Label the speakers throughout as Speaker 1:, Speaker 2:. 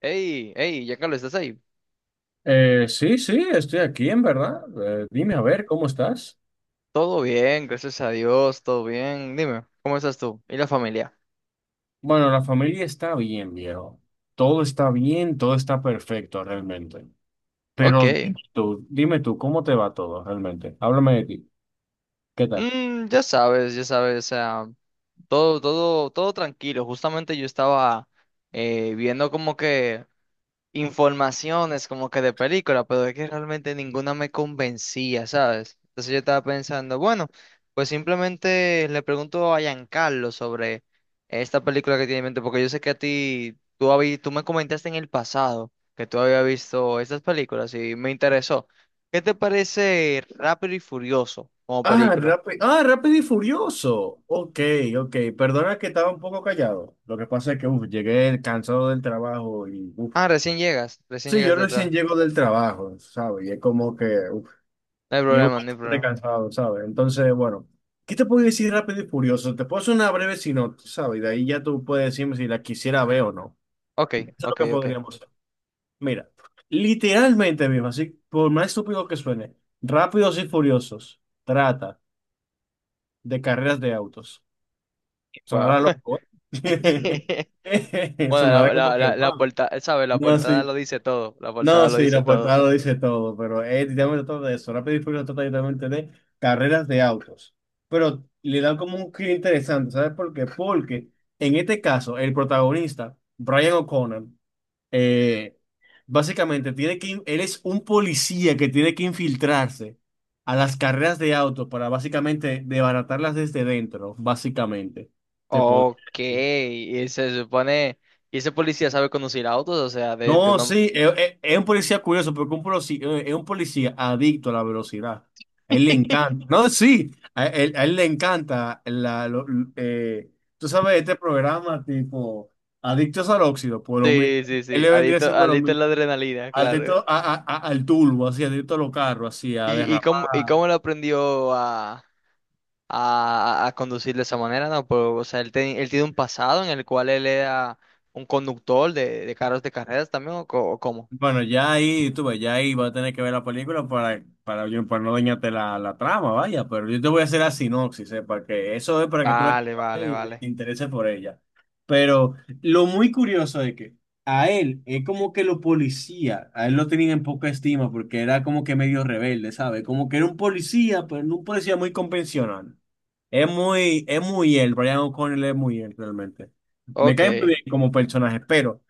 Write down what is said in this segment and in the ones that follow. Speaker 1: Hey, hey, ya Carlos, ¿estás ahí?
Speaker 2: Sí, sí, estoy aquí, en verdad. Dime, a ver, ¿cómo estás?
Speaker 1: Todo bien, gracias a Dios, todo bien. Dime, ¿cómo estás tú? ¿Y la familia?
Speaker 2: Bueno, la familia está bien, viejo. Todo está bien, todo está perfecto realmente.
Speaker 1: Ok.
Speaker 2: Pero dime tú, ¿cómo te va todo realmente? Háblame de ti. ¿Qué tal?
Speaker 1: Mm, ya sabes, o sea, todo tranquilo. Justamente yo estaba viendo como que informaciones como que de película, pero es que realmente ninguna me convencía, ¿sabes? Entonces yo estaba pensando, bueno, pues simplemente le pregunto a Giancarlo sobre esta película que tiene en mente, porque yo sé que a ti, tú, tú me comentaste en el pasado que tú habías visto estas películas y me interesó. ¿Qué te parece Rápido y Furioso como
Speaker 2: Ah,
Speaker 1: película?
Speaker 2: Rápido y Furioso. Ok, ok. Perdona que estaba un poco callado. Lo que pasa es que uf, llegué cansado del trabajo y uf.
Speaker 1: Ah, recién
Speaker 2: Sí,
Speaker 1: llegas
Speaker 2: yo recién
Speaker 1: detrás.
Speaker 2: llego del trabajo, ¿sabes? Y es como que uf,
Speaker 1: No hay
Speaker 2: llego
Speaker 1: problema, no hay
Speaker 2: bastante
Speaker 1: problema.
Speaker 2: cansado, ¿sabes? Entonces, bueno, ¿qué te puedo decir rápido y furioso? Te puedo hacer una breve sinopsis, ¿sabes? Y de ahí ya tú puedes decirme si la quisiera ver o no.
Speaker 1: Ok,
Speaker 2: Eso es lo
Speaker 1: ok,
Speaker 2: que
Speaker 1: ok.
Speaker 2: podríamos hacer. Mira, literalmente mismo, así, por más estúpido que suene, Rápidos y Furiosos trata de carreras de autos.
Speaker 1: Wow.
Speaker 2: Sonará loco, ¿eh?
Speaker 1: Bueno,
Speaker 2: Sonará
Speaker 1: la,
Speaker 2: como
Speaker 1: la,
Speaker 2: que
Speaker 1: la, la
Speaker 2: wow.
Speaker 1: portada, ¿sabes? La
Speaker 2: No,
Speaker 1: portada
Speaker 2: sí.
Speaker 1: lo dice todo. La
Speaker 2: No,
Speaker 1: portada lo
Speaker 2: sí,
Speaker 1: dice
Speaker 2: la
Speaker 1: todo.
Speaker 2: portada lo dice todo, pero es literalmente todo de eso. Rápido y Furioso trata literalmente de carreras de autos. Pero le dan como un giro interesante, ¿sabes por qué? Porque en este caso, el protagonista, Brian O'Connor, eh, básicamente él es un policía que tiene que infiltrarse a las carreras de autos para básicamente desbaratarlas desde dentro, básicamente. Te podría
Speaker 1: Ok,
Speaker 2: decir.
Speaker 1: y se supone. ¿Y ese policía sabe conducir autos? O sea, de
Speaker 2: No,
Speaker 1: una.
Speaker 2: sí, es un policía curioso, porque un policía, es un policía adicto a la velocidad. A él le encanta. No, sí, a él le encanta eh, tú sabes, este programa tipo Adictos al Óxido,
Speaker 1: Sí, sí,
Speaker 2: él
Speaker 1: sí.
Speaker 2: le vendría
Speaker 1: Adicto,
Speaker 2: siendo lo
Speaker 1: adicto a
Speaker 2: mismo.
Speaker 1: la adrenalina, claro.
Speaker 2: Adicto al turbo, así, adicto a los carros, así, a
Speaker 1: ¿Y, y
Speaker 2: derrapar.
Speaker 1: cómo, y cómo lo aprendió a, a conducir de esa manera? No, pues, o sea, él, él tiene un pasado en el cual él era un conductor de carros de carreras también, ¿o, o cómo?
Speaker 2: Bueno, ya ahí, tú ves, ya ahí va a tener que ver la película para no dañarte la trama, vaya, pero yo te voy a hacer la sinopsis, ¿eh? Para que eso es para que tú la
Speaker 1: Vale,
Speaker 2: quieras
Speaker 1: vale,
Speaker 2: ver y te
Speaker 1: vale.
Speaker 2: intereses por ella. Pero lo muy curioso es que a él es como que los policías, a él lo tenían en poca estima porque era como que medio rebelde, ¿sabes? Como que era un policía, pero no un policía muy convencional. Es muy él, Brian O'Connell es muy él realmente. Me cae muy
Speaker 1: Ok.
Speaker 2: bien como personaje, pero.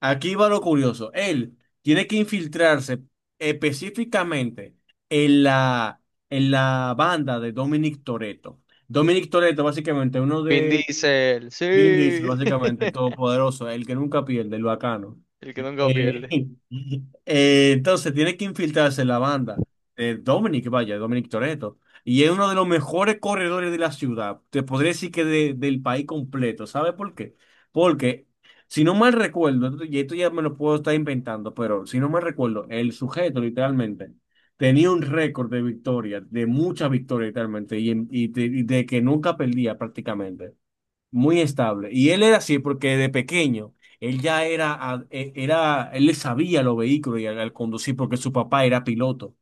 Speaker 2: Aquí va lo curioso. Él tiene que infiltrarse específicamente en la, en la banda de Dominic Toretto. Dominic Toretto, básicamente, uno
Speaker 1: Vin
Speaker 2: de
Speaker 1: Diesel,
Speaker 2: Vin Diesel,
Speaker 1: sí.
Speaker 2: básicamente, el todopoderoso, el que nunca pierde, el bacano.
Speaker 1: El que nunca pierde.
Speaker 2: Eh, entonces tiene que infiltrarse en la banda de Dominic, vaya, Dominic Toretto. Y es uno de los mejores corredores de la ciudad. Te podría decir que del país completo. ¿Sabe por qué? Porque, si no mal recuerdo, y esto ya me lo puedo estar inventando, pero si no mal recuerdo, el sujeto literalmente tenía un récord de victorias, de muchas victorias literalmente, y de que nunca perdía prácticamente muy estable. Y él era así porque de pequeño, él ya era, a- e- era, él le sabía los vehículos y al conducir porque su papá era piloto.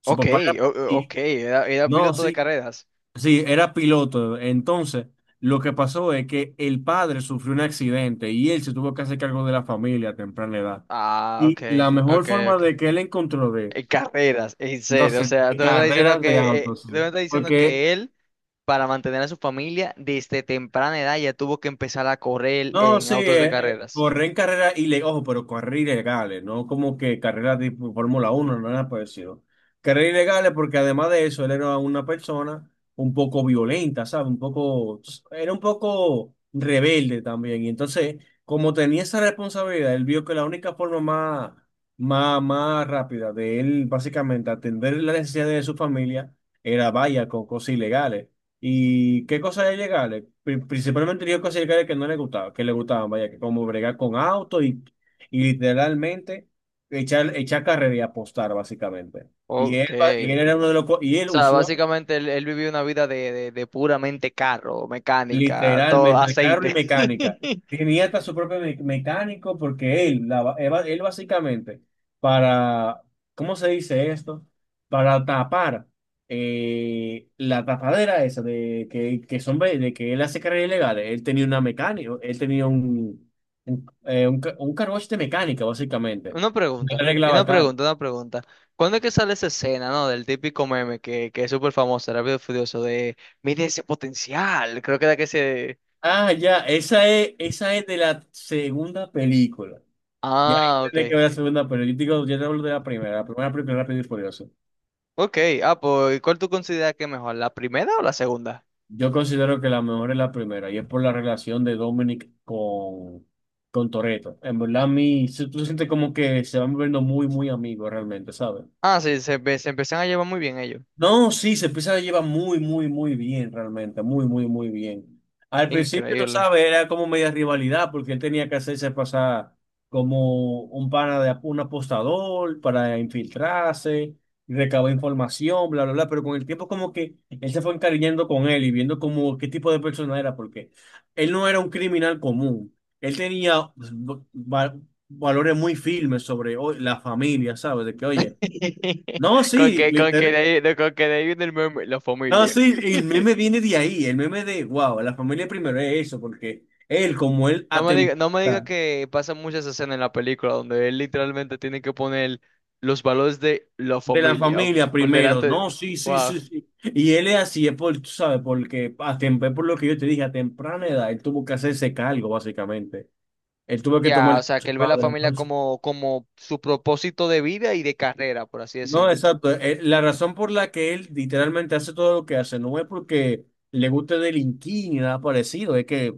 Speaker 2: Su
Speaker 1: Ok,
Speaker 2: papá era, y-
Speaker 1: ok, era, era
Speaker 2: no,
Speaker 1: piloto de
Speaker 2: sí,
Speaker 1: carreras.
Speaker 2: sí, era piloto. Entonces, lo que pasó es que el padre sufrió un accidente y él se tuvo que hacer cargo de la familia a temprana edad.
Speaker 1: Ah, ok,
Speaker 2: Y la mejor
Speaker 1: ok,
Speaker 2: forma
Speaker 1: ok.
Speaker 2: de que él encontró de,
Speaker 1: En carreras, en
Speaker 2: no
Speaker 1: serio. O
Speaker 2: sé,
Speaker 1: sea,
Speaker 2: de
Speaker 1: tú me estás diciendo
Speaker 2: carreras de
Speaker 1: que,
Speaker 2: autos,
Speaker 1: tú
Speaker 2: sí.
Speaker 1: me estás diciendo
Speaker 2: Porque
Speaker 1: que él, para mantener a su familia, desde temprana edad ya tuvo que empezar a correr
Speaker 2: no,
Speaker 1: en
Speaker 2: sí,
Speaker 1: autos de carreras.
Speaker 2: correr en carreras ilegales, ojo, pero carreras ilegales, no como que carreras tipo Fórmula uno, no nada parecido. Carreras ilegales porque además de eso, él era una persona un poco violenta, ¿sabes? Un poco, era un poco rebelde también. Y entonces, como tenía esa responsabilidad, él vio que la única forma más rápida de él, básicamente, atender las necesidades de su familia era vaya con cosas ilegales. ¿Y qué cosas de llegarle? Principalmente digo cosas de llegarle que no le gustaba, que le gustaban, vaya, que como bregar con auto y literalmente echar carrera y apostar, básicamente. Y
Speaker 1: Ok.
Speaker 2: él, y él era
Speaker 1: O
Speaker 2: uno de los, y él.
Speaker 1: sea, básicamente él, él vivió una vida de puramente carro, mecánica, todo,
Speaker 2: Literalmente, carro y
Speaker 1: aceite.
Speaker 2: mecánica. Tenía hasta su propio mecánico porque él, la ba- él básicamente, para, ¿cómo se dice esto? Para tapar la tapadera esa de que, de que él hace carreras ilegales. Él tenía una mecánica, él tenía un, un car wash de mecánica, básicamente.
Speaker 1: Una
Speaker 2: Él
Speaker 1: pregunta, y
Speaker 2: arreglaba
Speaker 1: una
Speaker 2: carro.
Speaker 1: pregunta, una pregunta. ¿Cuándo es que sale esa escena, no? Del típico meme que es súper famoso, Rápido y Furioso, de mide ese potencial. Creo que era que se.
Speaker 2: Ah, ya, esa es de la segunda película. Ya
Speaker 1: Ah,
Speaker 2: tendré que
Speaker 1: ok.
Speaker 2: ver la segunda, pero yo digo, yo te hablo de la primera, película de Rápido y Furioso.
Speaker 1: Ok, ah, pues, ¿cuál tú consideras que es mejor, la primera o la segunda?
Speaker 2: Yo considero que la mejor es la primera, y es por la relación de Dominic con Toretto. En verdad, a mí, tú sientes como que se van volviendo muy, muy amigos realmente, ¿sabes?
Speaker 1: Ah, sí, se, se empiezan a llevar muy bien ellos.
Speaker 2: No, sí, se empieza a llevar muy, muy, muy bien, realmente, muy, muy, muy bien. Al principio, tú
Speaker 1: Increíble.
Speaker 2: sabes, era como media rivalidad, porque él tenía que hacerse pasar como un pana de un apostador para infiltrarse, recabar información, bla, bla, bla, pero con el tiempo como que él se fue encariñando con él y viendo como qué tipo de persona era, porque él no era un criminal común, él tenía va- valores muy firmes sobre la familia, ¿sabes? De que, oye, no, sí,
Speaker 1: Con que de
Speaker 2: literal.
Speaker 1: ahí, con que de ahí viene el meme, la
Speaker 2: No,
Speaker 1: familia.
Speaker 2: sí, el meme viene de ahí, el meme de, wow, la familia primero es eso, porque él, como él
Speaker 1: No me diga, no me diga
Speaker 2: atenta
Speaker 1: que pasan muchas escenas en la película donde él literalmente tiene que poner los valores de la
Speaker 2: de la
Speaker 1: familia
Speaker 2: familia
Speaker 1: por
Speaker 2: primero,
Speaker 1: delante.
Speaker 2: no, sí, sí,
Speaker 1: Wow.
Speaker 2: sí, sí. Y él es así, es por, tú sabes, porque a atempé por lo que yo te dije, a temprana edad, él tuvo que hacerse cargo, básicamente. Él tuvo que tomar
Speaker 1: Ya,
Speaker 2: el
Speaker 1: o
Speaker 2: de
Speaker 1: sea, que
Speaker 2: su
Speaker 1: él ve la
Speaker 2: padre,
Speaker 1: familia
Speaker 2: entonces.
Speaker 1: como, como su propósito de vida y de carrera, por así
Speaker 2: No,
Speaker 1: decirlo.
Speaker 2: exacto. La razón por la que él literalmente hace todo lo que hace no es porque le guste delinquir ni nada parecido, es que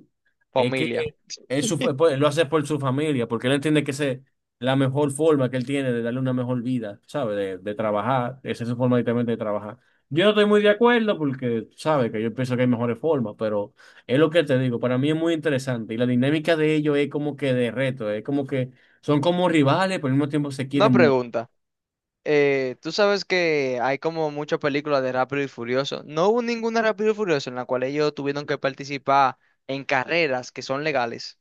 Speaker 2: Es que
Speaker 1: Familia.
Speaker 2: él pues, lo hace por su familia, porque él entiende que esa es la mejor forma que él tiene de darle una mejor vida, ¿sabbe? De trabajar, esa es su forma directamente de trabajar. Yo no estoy muy de acuerdo porque, sabe que yo pienso que hay mejores formas, pero es lo que te digo, para mí es muy interesante y la dinámica de ellos es como que de reto, es como que son como rivales, pero al mismo tiempo se
Speaker 1: Una
Speaker 2: quieren mucho.
Speaker 1: pregunta. Tú sabes que hay como muchas películas de Rápido y Furioso. No hubo ninguna Rápido y Furioso en la cual ellos tuvieron que participar en carreras que son legales.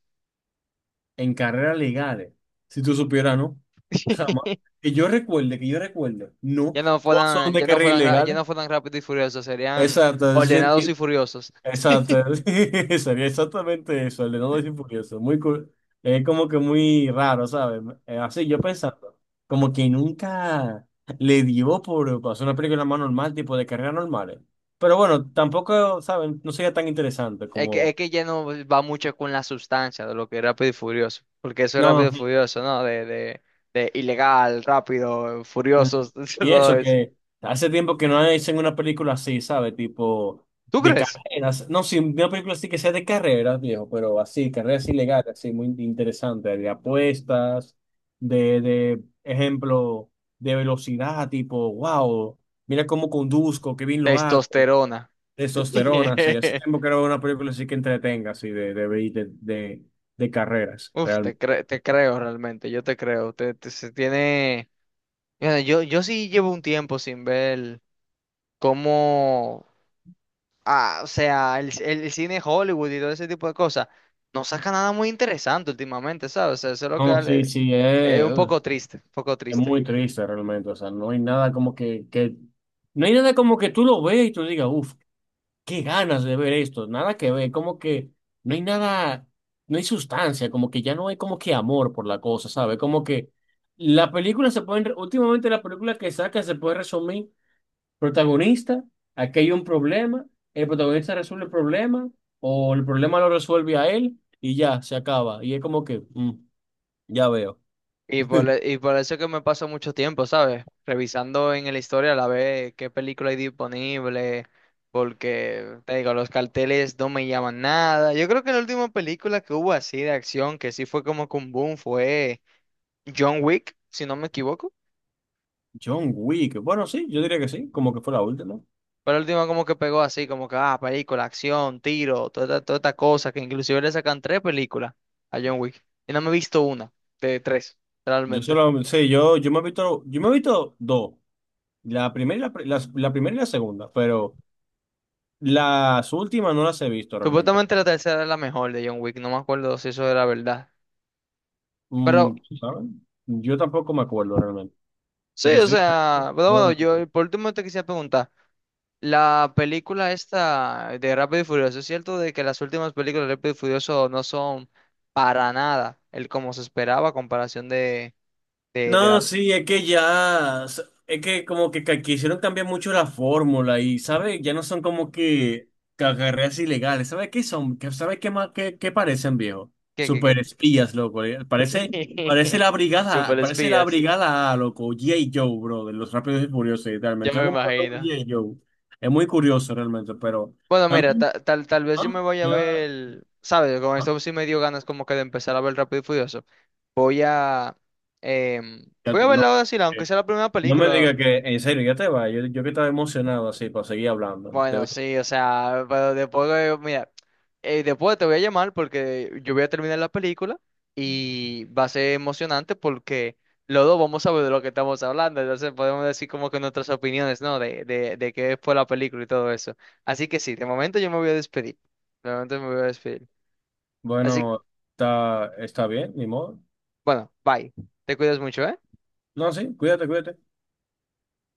Speaker 2: En carreras legales, si tú supieras, ¿no? Jamás. Que yo recuerde, no, todos son de carrera
Speaker 1: Ya no
Speaker 2: ilegal.
Speaker 1: fueran rápidos y furiosos, serían
Speaker 2: Exacto, eso yo
Speaker 1: ordenados y
Speaker 2: entiendo.
Speaker 1: furiosos.
Speaker 2: Exacto, sí, sería exactamente eso, el de No y Furioso. Muy cool. Es como que muy raro, ¿sabes? Así yo pensando, como que nunca le dio por hacer una película más normal, tipo de carreras normales. Pero bueno, tampoco, ¿saben? No sería tan interesante como.
Speaker 1: Es que ya no va mucho con la sustancia de lo que es rápido y furioso, porque eso es rápido
Speaker 2: No,
Speaker 1: y furioso, ¿no? De ilegal, rápido,
Speaker 2: mm.
Speaker 1: furiosos,
Speaker 2: Y
Speaker 1: todo
Speaker 2: eso,
Speaker 1: eso.
Speaker 2: que hace tiempo que no hacen una película así, ¿sabes? Tipo
Speaker 1: ¿Tú
Speaker 2: de
Speaker 1: crees?
Speaker 2: carreras. No, sí, una película así que sea de carreras, viejo, pero así, carreras ilegales, así, muy interesante, de apuestas, de ejemplo, de velocidad, tipo, wow, mira cómo conduzco, qué bien lo hago,
Speaker 1: Testosterona.
Speaker 2: testosterona, sí. Hace tiempo que no veo una película así que entretenga, así, de carreras,
Speaker 1: Uf, te,
Speaker 2: realmente.
Speaker 1: te creo realmente, yo te creo. Te- se tiene... Mira, yo sí llevo un tiempo sin ver cómo. Ah, o sea, el cine Hollywood y todo ese tipo de cosas, no saca nada muy interesante últimamente, ¿sabes? O sea, eso es lo que
Speaker 2: No, sí,
Speaker 1: le-
Speaker 2: sí,
Speaker 1: es
Speaker 2: eh.
Speaker 1: un poco triste, un poco
Speaker 2: Es
Speaker 1: triste.
Speaker 2: muy triste realmente, o sea, no hay nada como que, no hay nada como que tú lo veas y tú digas, uff, qué ganas de ver esto, nada que ver, como que no hay nada, no hay sustancia, como que ya no hay como que amor por la cosa, ¿sabes? Como que la película se puede, últimamente la película que saca se puede resumir, protagonista, aquí hay un problema, el protagonista resuelve el problema, o el problema lo resuelve a él, y ya, se acaba, y es como que, ya veo.
Speaker 1: Y por, y por eso es que me paso mucho tiempo, ¿sabes? Revisando en la historia a la vez qué película hay disponible, porque, te digo, los carteles no me llaman nada. Yo creo que la última película que hubo así de acción, que sí fue como que un boom, fue John Wick, si no me equivoco.
Speaker 2: John Wick. Bueno, sí, yo diría que sí, como que fue la última.
Speaker 1: Fue la última como que pegó así, como que, ah, película, acción, tiro, toda, toda esta cosa, que inclusive le sacan tres películas a John Wick. Y no me he visto una, de tres,
Speaker 2: Yo
Speaker 1: realmente.
Speaker 2: solo, sí, yo me he visto dos. La primera y la primera y la segunda, pero las últimas no las he visto realmente.
Speaker 1: Supuestamente la tercera es la mejor de John Wick, no me acuerdo si eso era verdad. Pero
Speaker 2: Mm, ¿Saben? Yo tampoco me acuerdo realmente.
Speaker 1: sí,
Speaker 2: Si te
Speaker 1: o
Speaker 2: soy honesto,
Speaker 1: sea, pero
Speaker 2: no lo
Speaker 1: bueno,
Speaker 2: recuerdo.
Speaker 1: yo por último te quisiera preguntar, la película esta de Rápido y Furioso, ¿es cierto de que las últimas películas de Rápido y Furioso no son para nada el como se esperaba a comparación de
Speaker 2: No,
Speaker 1: la...
Speaker 2: sí, es que ya, es que como que quisieron cambiar mucho la fórmula y, ¿sabes? Ya no son como que carreras ilegales, ¿sabes qué son? ¿Sabes qué más, qué parecen, viejo?
Speaker 1: ¿Qué, qué, qué?
Speaker 2: Super espías, loco, parece la brigada,
Speaker 1: Super
Speaker 2: parece la
Speaker 1: espías,
Speaker 2: brigada A, loco, G.I. Joe, bro, de los Rápidos y Furiosos,
Speaker 1: ya
Speaker 2: literalmente, son
Speaker 1: me
Speaker 2: como los
Speaker 1: imagino.
Speaker 2: G.I. Joe, es muy curioso realmente, pero
Speaker 1: Bueno,
Speaker 2: a
Speaker 1: mira,
Speaker 2: mí,
Speaker 1: tal, tal vez yo
Speaker 2: ah,
Speaker 1: me voy a
Speaker 2: ya,
Speaker 1: ver, ¿sabes? Con
Speaker 2: ah,
Speaker 1: esto sí me dio ganas como que de empezar a ver Rápido y Furioso. Voy a, em,
Speaker 2: ya,
Speaker 1: voy a verla
Speaker 2: no.
Speaker 1: ahora sí, aunque
Speaker 2: eh,
Speaker 1: sea la primera
Speaker 2: No me
Speaker 1: película.
Speaker 2: diga que, en serio, ya te va. Yo que estaba emocionado así para seguir hablando.
Speaker 1: Bueno, sí, o sea, pero después, mira, después te voy a llamar porque yo voy a terminar la película y va a ser emocionante porque los dos vamos a ver de lo que estamos hablando, entonces podemos decir como que nuestras opiniones, ¿no? De qué fue la película y todo eso. Así que sí, de momento yo me voy a despedir. De momento me voy a despedir. Así,
Speaker 2: Bueno, está bien, ni modo.
Speaker 1: bueno, bye. Te cuidas mucho, ¿eh?
Speaker 2: No, sí, cuídate, cuídate.